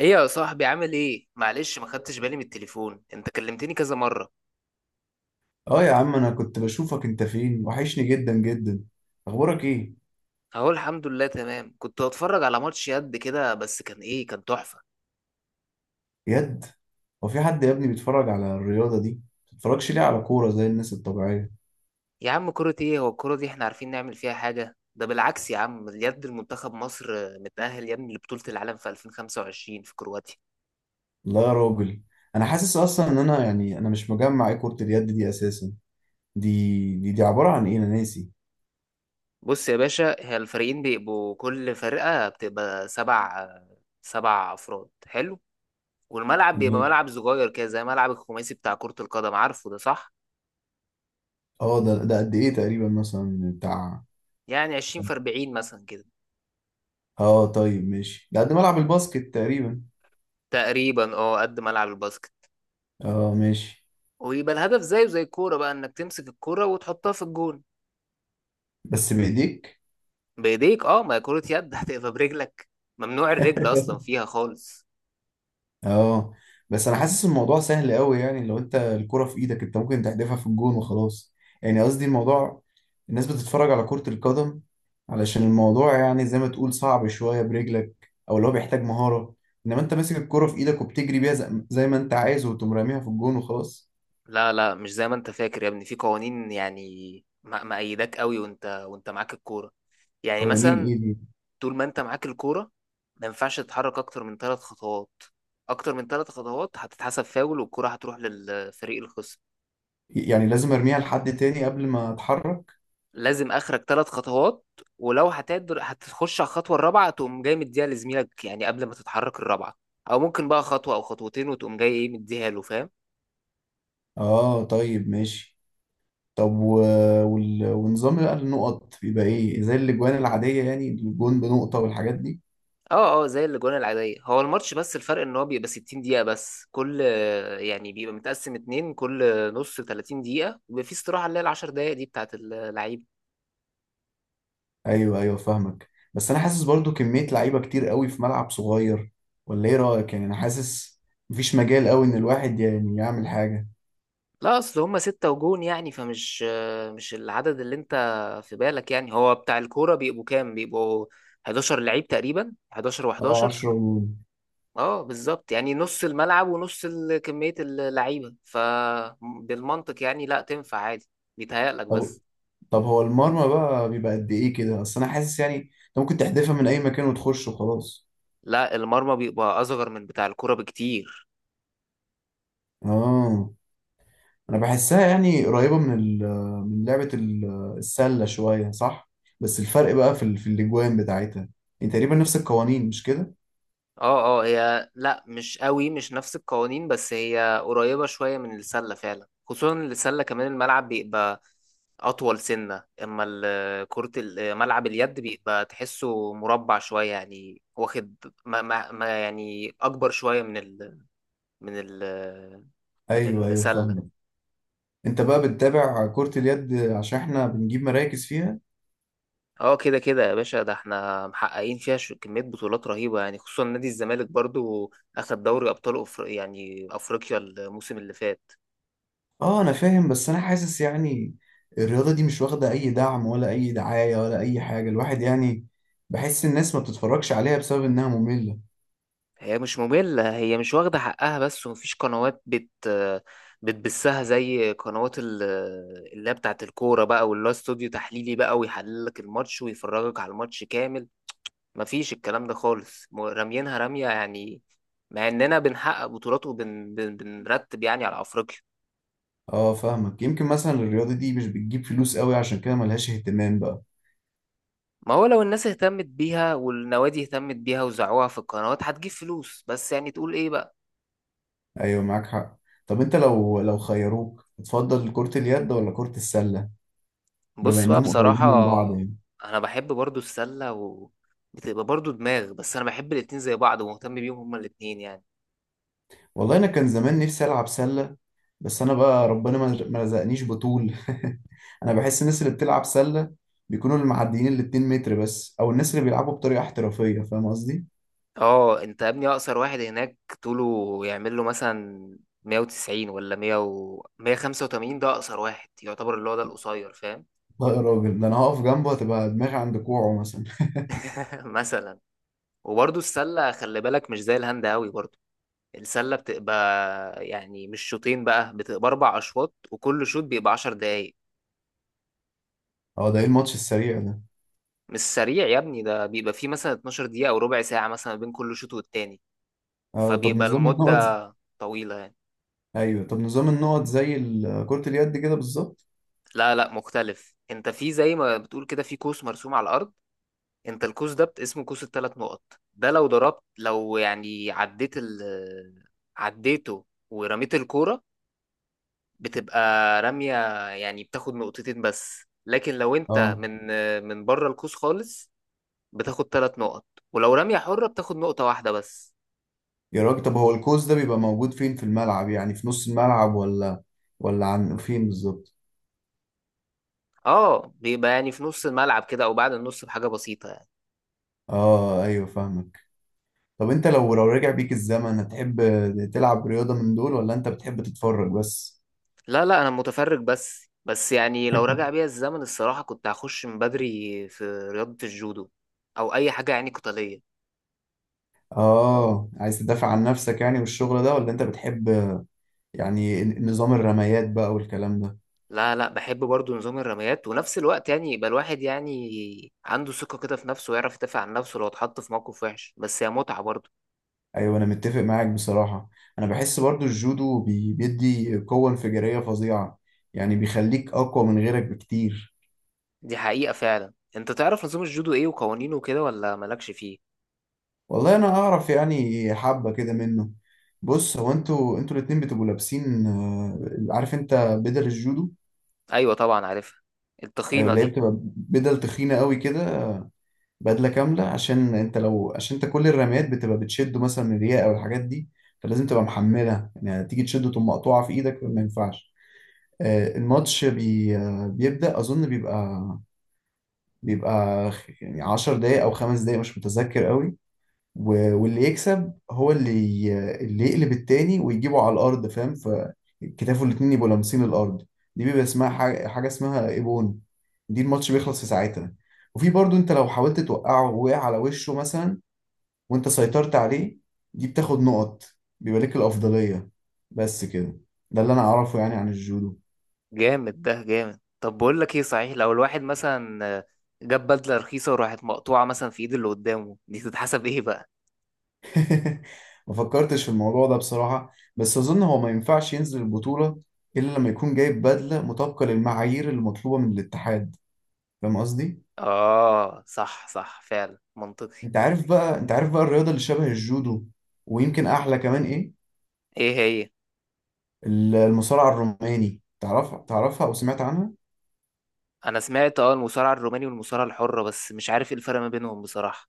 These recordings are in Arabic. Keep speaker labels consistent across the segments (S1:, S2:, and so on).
S1: ايه يا صاحبي، عامل ايه؟ معلش ما خدتش بالي من التليفون، انت كلمتني كذا مره.
S2: اه يا عم، انا كنت بشوفك انت فين، وحشني جدا جدا. اخبارك ايه؟
S1: اهو الحمد لله تمام، كنت بتفرج على ماتش يد كده، بس كان ايه، كان تحفه.
S2: يد. هو في حد يا ابني بيتفرج على الرياضه دي؟ ما بتتفرجش ليه على كوره زي الناس الطبيعيه؟
S1: يا عم كرة ايه؟ هو الكرة دي احنا عارفين نعمل فيها حاجه؟ ده بالعكس يا عم، اليد المنتخب مصر متأهل يا ابني لبطولة العالم في 2025 في كرواتيا.
S2: لا يا راجل. انا حاسس اصلا ان انا يعني انا مش مجمع ايه كره اليد دي اساسا. دي دي عباره عن ايه؟ انا ناسي.
S1: بص يا باشا، هي الفريقين بيبقوا كل فرقة بتبقى سبع، سبع أفراد. حلو. والملعب بيبقى
S2: ماشي.
S1: ملعب صغير كده زي ملعب الخماسي بتاع كرة القدم، عارفه ده؟ صح.
S2: اه، ده قد ايه تقريبا؟ مثلا بتاع...
S1: يعني 20 في 40 مثلا كده.
S2: اه، طيب ماشي، ده قد ملعب الباسكت تقريبا.
S1: تقريبا اه، قد ملعب الباسكت.
S2: اه، ماشي.
S1: ويبقى الهدف زيه زي الكوره بقى، انك تمسك الكوره وتحطها في الجون.
S2: بس بايديك.
S1: بايديك اه، ما هي كره يد هتبقى برجلك؟ ممنوع الرجل اصلا فيها خالص.
S2: اه. بس انا حاسس الموضوع سهل قوي. يعني لو انت الكرة في ايدك، انت ممكن تحدفها في الجون وخلاص. يعني قصدي الموضوع... الناس بتتفرج على كرة القدم علشان الموضوع يعني زي ما تقول صعب شوية برجلك، او اللي هو بيحتاج مهارة. انما انت ماسك الكرة في ايدك وبتجري بيها زي ما انت عايز، وتقوم راميها في الجون وخلاص.
S1: لا لا، مش زي ما انت فاكر يا ابني، في قوانين يعني. مأيداك قوي وانت معاك الكوره. يعني
S2: قوانين
S1: مثلا
S2: ايه دي؟
S1: طول ما انت معاك الكوره ما ينفعش تتحرك اكتر من ثلاث خطوات. اكتر من ثلاث خطوات هتتحسب فاول والكرة هتروح للفريق الخصم.
S2: يعني لازم ارميها لحد تاني قبل ما اتحرك؟
S1: لازم اخرك ثلاث خطوات، ولو هتقدر هتخش على الخطوه الرابعه، تقوم جاي مديها لزميلك يعني قبل ما تتحرك الرابعه. او ممكن بقى خطوه او خطوتين وتقوم جاي ايه مديها له، فاهم؟
S2: اه، طيب ماشي. طب ونظام بقى النقط بيبقى ايه؟ زي الاجوان العادية يعني، الجون بنقطة والحاجات دي؟
S1: اه اه، زي الاجوان العاديه. هو الماتش بس الفرق ان هو بيبقى 60 دقيقه بس كل، يعني بيبقى متقسم اتنين، كل نص 30 دقيقه، وبيبقى في استراحه اللي هي ال 10 دقائق دي بتاعت اللعيبه.
S2: ايوه، ايوه، فاهمك. بس انا حاسس برضو كمية لعيبة كتير قوي في ملعب صغير، ولا ايه رأيك؟ يعني انا حاسس مفيش مجال قوي ان الواحد يعني يعمل حاجة.
S1: لا اصل هما ستة وجون، يعني فمش، مش العدد اللي انت في بالك. يعني هو بتاع الكوره بيبقوا كام؟ بيبقوا 11 لعيب تقريبا، 11
S2: اه،
S1: و11.
S2: 10 ونجوم.
S1: اه بالظبط، يعني نص الملعب ونص كمية اللعيبة، فبالمنطق يعني لا، تنفع عادي، بيتهيألك
S2: طب
S1: بس.
S2: طب هو المرمى بقى بيبقى قد ايه كده؟ اصل انا حاسس يعني انت ممكن تحدفها من اي مكان وتخش وخلاص.
S1: لا، المرمى بيبقى أصغر من بتاع الكرة بكتير.
S2: اه. انا بحسها يعني قريبة من من لعبة السلة شوية، صح؟ بس الفرق بقى في في الاجوان بتاعتها. يعني تقريبا نفس القوانين، مش كده؟
S1: اه اه هي، لا مش قوي مش نفس القوانين، بس هي قريبة شوية من السلة فعلا، خصوصا إن السلة كمان الملعب بيبقى أطول سنة، أما كرة ملعب اليد بيبقى تحسه مربع شوية يعني، واخد ما يعني أكبر شوية من من ال، من
S2: ايوه، ايوه،
S1: السلة.
S2: فاهمك. انت بقى بتتابع كرة اليد عشان احنا بنجيب مراكز فيها؟
S1: اه كده كده يا باشا، ده احنا محققين فيها كمية بطولات رهيبة يعني، خصوصا نادي الزمالك برضو أخد دوري أبطال يعني أفريقيا الموسم اللي فات.
S2: اه، انا فاهم. بس انا حاسس يعني الرياضة دي مش واخدة اي دعم ولا اي دعاية ولا اي حاجة، الواحد يعني بحس الناس ما بتتفرجش عليها بسبب انها مملة.
S1: هي مش مملة، هي مش واخدة حقها بس، ومفيش قنوات بتبثها زي قنوات اللي هي بتاعت الكورة بقى، واللي هو استوديو تحليلي بقى ويحلل لك الماتش ويفرجك على الماتش كامل. مفيش الكلام ده خالص، راميينها رمية يعني. مع اننا بنحقق بطولات وبن بن- بنرتب يعني على افريقيا.
S2: اه، فاهمك. يمكن مثلا الرياضة دي مش بتجيب فلوس قوي، عشان كده ملهاش اهتمام بقى.
S1: ما هو لو الناس اهتمت بيها والنوادي اهتمت بيها وزعوها في القنوات هتجيب فلوس، بس يعني تقول ايه بقى.
S2: ايوه، معاك حق. طب انت، لو خيروك تفضل كرة اليد ولا كرة السلة؟ بما
S1: بص بقى
S2: انهم
S1: بصراحة،
S2: قريبين من بعض يعني.
S1: انا بحب برضو السلة، و بتبقى برضو دماغ، بس انا بحب الاتنين زي بعض ومهتم بيهم هما الاتنين يعني.
S2: والله انا كان زمان نفسي العب سلة، بس انا بقى ربنا ما رزقنيش بطول. انا بحس الناس اللي بتلعب سله بيكونوا المعديين ال 2 متر بس، او الناس اللي بيلعبوا بطريقه احترافيه، فاهم قصدي؟
S1: اه انت يا ابني اقصر واحد هناك طوله يعمل له مثلا 190 ولا 100 و 185. ده اقصر واحد يعتبر، اللي هو ده القصير فاهم.
S2: لا يا راجل، ده انا هقف جنبه هتبقى دماغي عند كوعه مثلا.
S1: مثلا. وبرضو السلة خلي بالك مش زي الهاند قوي برضو. السلة بتبقى يعني مش شوطين بقى، بتبقى أربع أشواط، وكل شوط بيبقى عشر دقايق.
S2: اه، ده ايه الماتش السريع ده؟
S1: مش سريع يا ابني، ده بيبقى فيه مثلا 12 دقيقة أو ربع ساعة مثلا بين كل شوط والتاني.
S2: اه، طب
S1: فبيبقى
S2: نظام النقط؟
S1: المدة طويلة يعني.
S2: ايوه، طب نظام النقط زي كرة اليد كده بالظبط؟
S1: لا لا مختلف. أنت في زي ما بتقول كده في كوس مرسوم على الأرض. أنت الكوس ده اسمه كوس التلات نقط. ده لو ضربت، لو يعني عديت ال، عديته ورميت الكورة، بتبقى رمية. يعني بتاخد نقطتين بس، لكن لو انت
S2: اه
S1: من من بره القوس خالص بتاخد ثلاث نقط، ولو رمية حرة بتاخد نقطة واحدة بس.
S2: يا راجل، طب هو الكوز ده بيبقى موجود فين في الملعب؟ يعني في نص الملعب ولا عن فين بالظبط؟
S1: اه بيبقى يعني في نص الملعب كده او بعد النص بحاجة بسيطة يعني.
S2: اه، ايوه، فاهمك. طب انت، لو رجع بيك الزمن هتحب تلعب رياضة من دول، ولا انت بتحب تتفرج بس؟
S1: لا لا انا متفرج بس، بس يعني لو رجع بيا الزمن الصراحة كنت هخش من بدري في رياضة الجودو، او اي حاجة يعني قتالية.
S2: اه، عايز تدافع عن نفسك يعني والشغل ده، ولا انت بتحب يعني نظام الرميات بقى والكلام ده؟
S1: لا لا، بحب برضو نظام الرميات، ونفس الوقت يعني يبقى الواحد يعني عنده ثقة كده في نفسه، ويعرف يدافع عن نفسه لو اتحط في موقف وحش، بس هي متعة برضو.
S2: ايوه، انا متفق معاك بصراحة. انا بحس برضو الجودو بيدي قوة انفجارية فظيعة، يعني بيخليك اقوى من غيرك بكتير.
S1: دي حقيقة فعلا. انت تعرف نظام الجودو ايه وقوانينه وكده ولا مالكش فيه؟
S2: والله انا اعرف يعني حبة كده منه. بص، هو انتوا الاتنين بتبقوا لابسين عارف انت بدل الجودو؟
S1: ايوه طبعا عارفها
S2: ايوه،
S1: التخينة
S2: اللي هي
S1: دي.
S2: بتبقى بدل تخينه قوي كده. بدله كامله، عشان انت كل الرميات بتبقى بتشده مثلا من الرياء او الحاجات دي، فلازم تبقى محملها. يعني تيجي تشده تقوم مقطوعه في ايدك، ما ينفعش. الماتش بي آه، بيبدأ أظن بيبقى يعني 10 دقايق أو 5 دقايق، مش متذكر قوي. واللي يكسب هو اللي يقلب التاني ويجيبه على الأرض، فاهم؟ فكتافه الاتنين يبقوا لامسين الأرض، دي بيبقى اسمها حاجة اسمها إيبون. دي الماتش بيخلص في ساعتها. وفي برضو، انت لو حاولت توقعه ووقع على وشه مثلا وانت سيطرت عليه، دي بتاخد نقط، بيبقى لك الأفضلية. بس كده، ده اللي أنا أعرفه يعني عن الجودو.
S1: جامد، ده جامد. طب بقول لك ايه صحيح، لو الواحد مثلا جاب بدلة رخيصة وراحت مقطوعة مثلا في ايد اللي قدامه، دي تتحسب ايه بقى؟
S2: ما فكرتش في الموضوع ده بصراحة، بس أظن هو ما ينفعش ينزل البطولة إلا لما يكون جايب بدلة مطابقة للمعايير المطلوبة من الاتحاد، فاهم قصدي؟
S1: اه صح صح، فعلا منطقي.
S2: أنت عارف بقى الرياضة اللي شبه الجودو، ويمكن أحلى كمان إيه؟
S1: ايه هي؟
S2: المصارعة الروماني، تعرفها أو سمعت عنها؟
S1: انا سمعت اه المصارعة الروماني والمصارعة الحرة، بس مش عارف ايه الفرق ما بينهم بصراحة.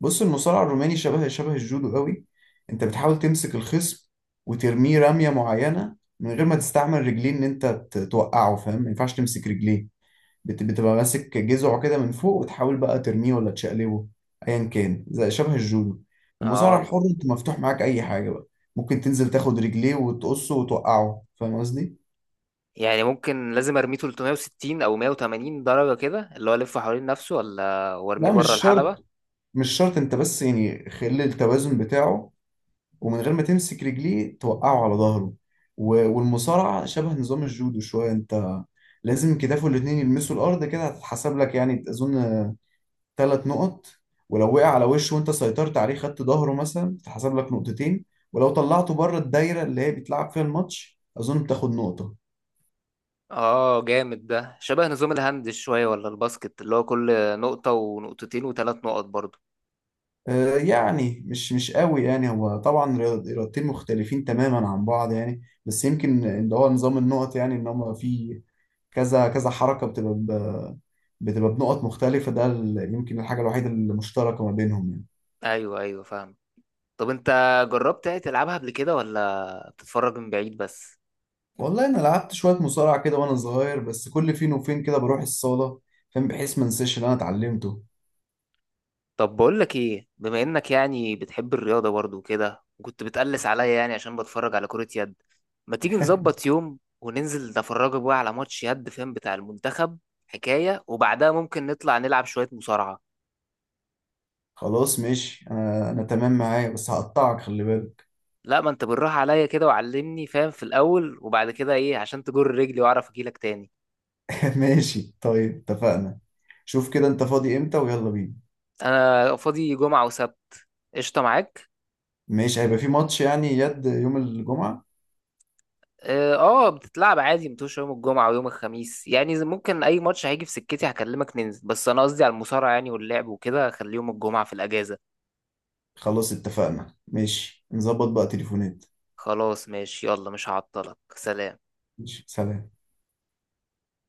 S2: بص، المصارعة الروماني شبه الجودو قوي. أنت بتحاول تمسك الخصم وترميه رمية معينة، من غير ما تستعمل رجلين، إن أنت توقعه، فاهم؟ ما ينفعش تمسك رجليه. بتبقى ماسك جذعه كده من فوق، وتحاول بقى ترميه ولا تشقلبه، ايا كان زي شبه الجودو.
S1: اه
S2: المصارعه الحر انت مفتوح معاك اي حاجه بقى. ممكن تنزل تاخد رجليه وتقصه وتوقعه، فاهم قصدي؟
S1: يعني ممكن لازم ارميه 360 او 180 درجة كده، اللي هو الف حوالين نفسه، ولا وارميه
S2: لا
S1: بره
S2: مش شرط،
S1: الحلبة؟
S2: مش شرط. انت بس يعني خلي التوازن بتاعه، ومن غير ما تمسك رجليه توقعه على ظهره. والمصارعه شبه نظام الجودو شويه. انت لازم كتافه الاتنين يلمسوا الارض كده هتتحسب لك، يعني اظن 3 نقط. ولو وقع على وشه وانت سيطرت عليه خدت ظهره مثلا، تتحسب لك نقطتين. ولو طلعته بره الدايره اللي هي بيتلعب فيها الماتش، اظن بتاخد نقطه.
S1: اه جامد. ده شبه نظام الهاند شوية ولا الباسكت اللي هو كل نقطة ونقطتين وثلاث نقط برضو.
S2: يعني مش قوي. يعني هو طبعا رياضتين مختلفين تماما عن بعض يعني، بس يمكن ان هو نظام النقط، يعني ان هم في كذا كذا حركه بتبقى بتبقى بنقط مختلفه. ده يمكن الحاجه الوحيده المشتركه ما بينهم يعني.
S1: ايوه ايوه فاهم. طب انت جربت يعني تلعبها قبل كده ولا بتتفرج من بعيد بس؟
S2: والله انا لعبت شويه مصارعه كده وانا صغير، بس كل فين وفين كده بروح الصاله، فاهم، بحيث ما انساش اللي انا اتعلمته.
S1: طب بقول لك ايه، بما انك يعني بتحب الرياضة برضو كده، وكنت بتقلس عليا يعني عشان بتفرج على كرة يد، ما تيجي نظبط يوم وننزل نتفرجك بقى على ماتش يد فاهم بتاع المنتخب حكاية، وبعدها ممكن نطلع نلعب شوية مصارعة.
S2: خلاص ماشي، انا تمام معايا، بس هقطعك خلي بالك.
S1: لا ما انت بالراحة عليا كده وعلمني فاهم في الأول، وبعد كده ايه عشان تجر رجلي واعرف اجيلك تاني.
S2: ماشي، طيب اتفقنا. شوف كده انت فاضي امتى؟ ويلا بينا.
S1: انا فاضي جمعة وسبت. قشطة معاك.
S2: ماشي، هيبقى في ماتش يعني يد يوم الجمعه؟
S1: اه بتتلعب عادي متوش يوم الجمعة ويوم الخميس يعني ممكن اي ماتش هيجي في سكتي هكلمك ننزل، بس انا قصدي على المصارعة يعني واللعب وكده خلي يوم الجمعة في الأجازة.
S2: خلاص اتفقنا، ماشي نظبط بقى تليفونات.
S1: خلاص ماشي، يلا مش هعطلك، سلام.
S2: ماشي، سلام.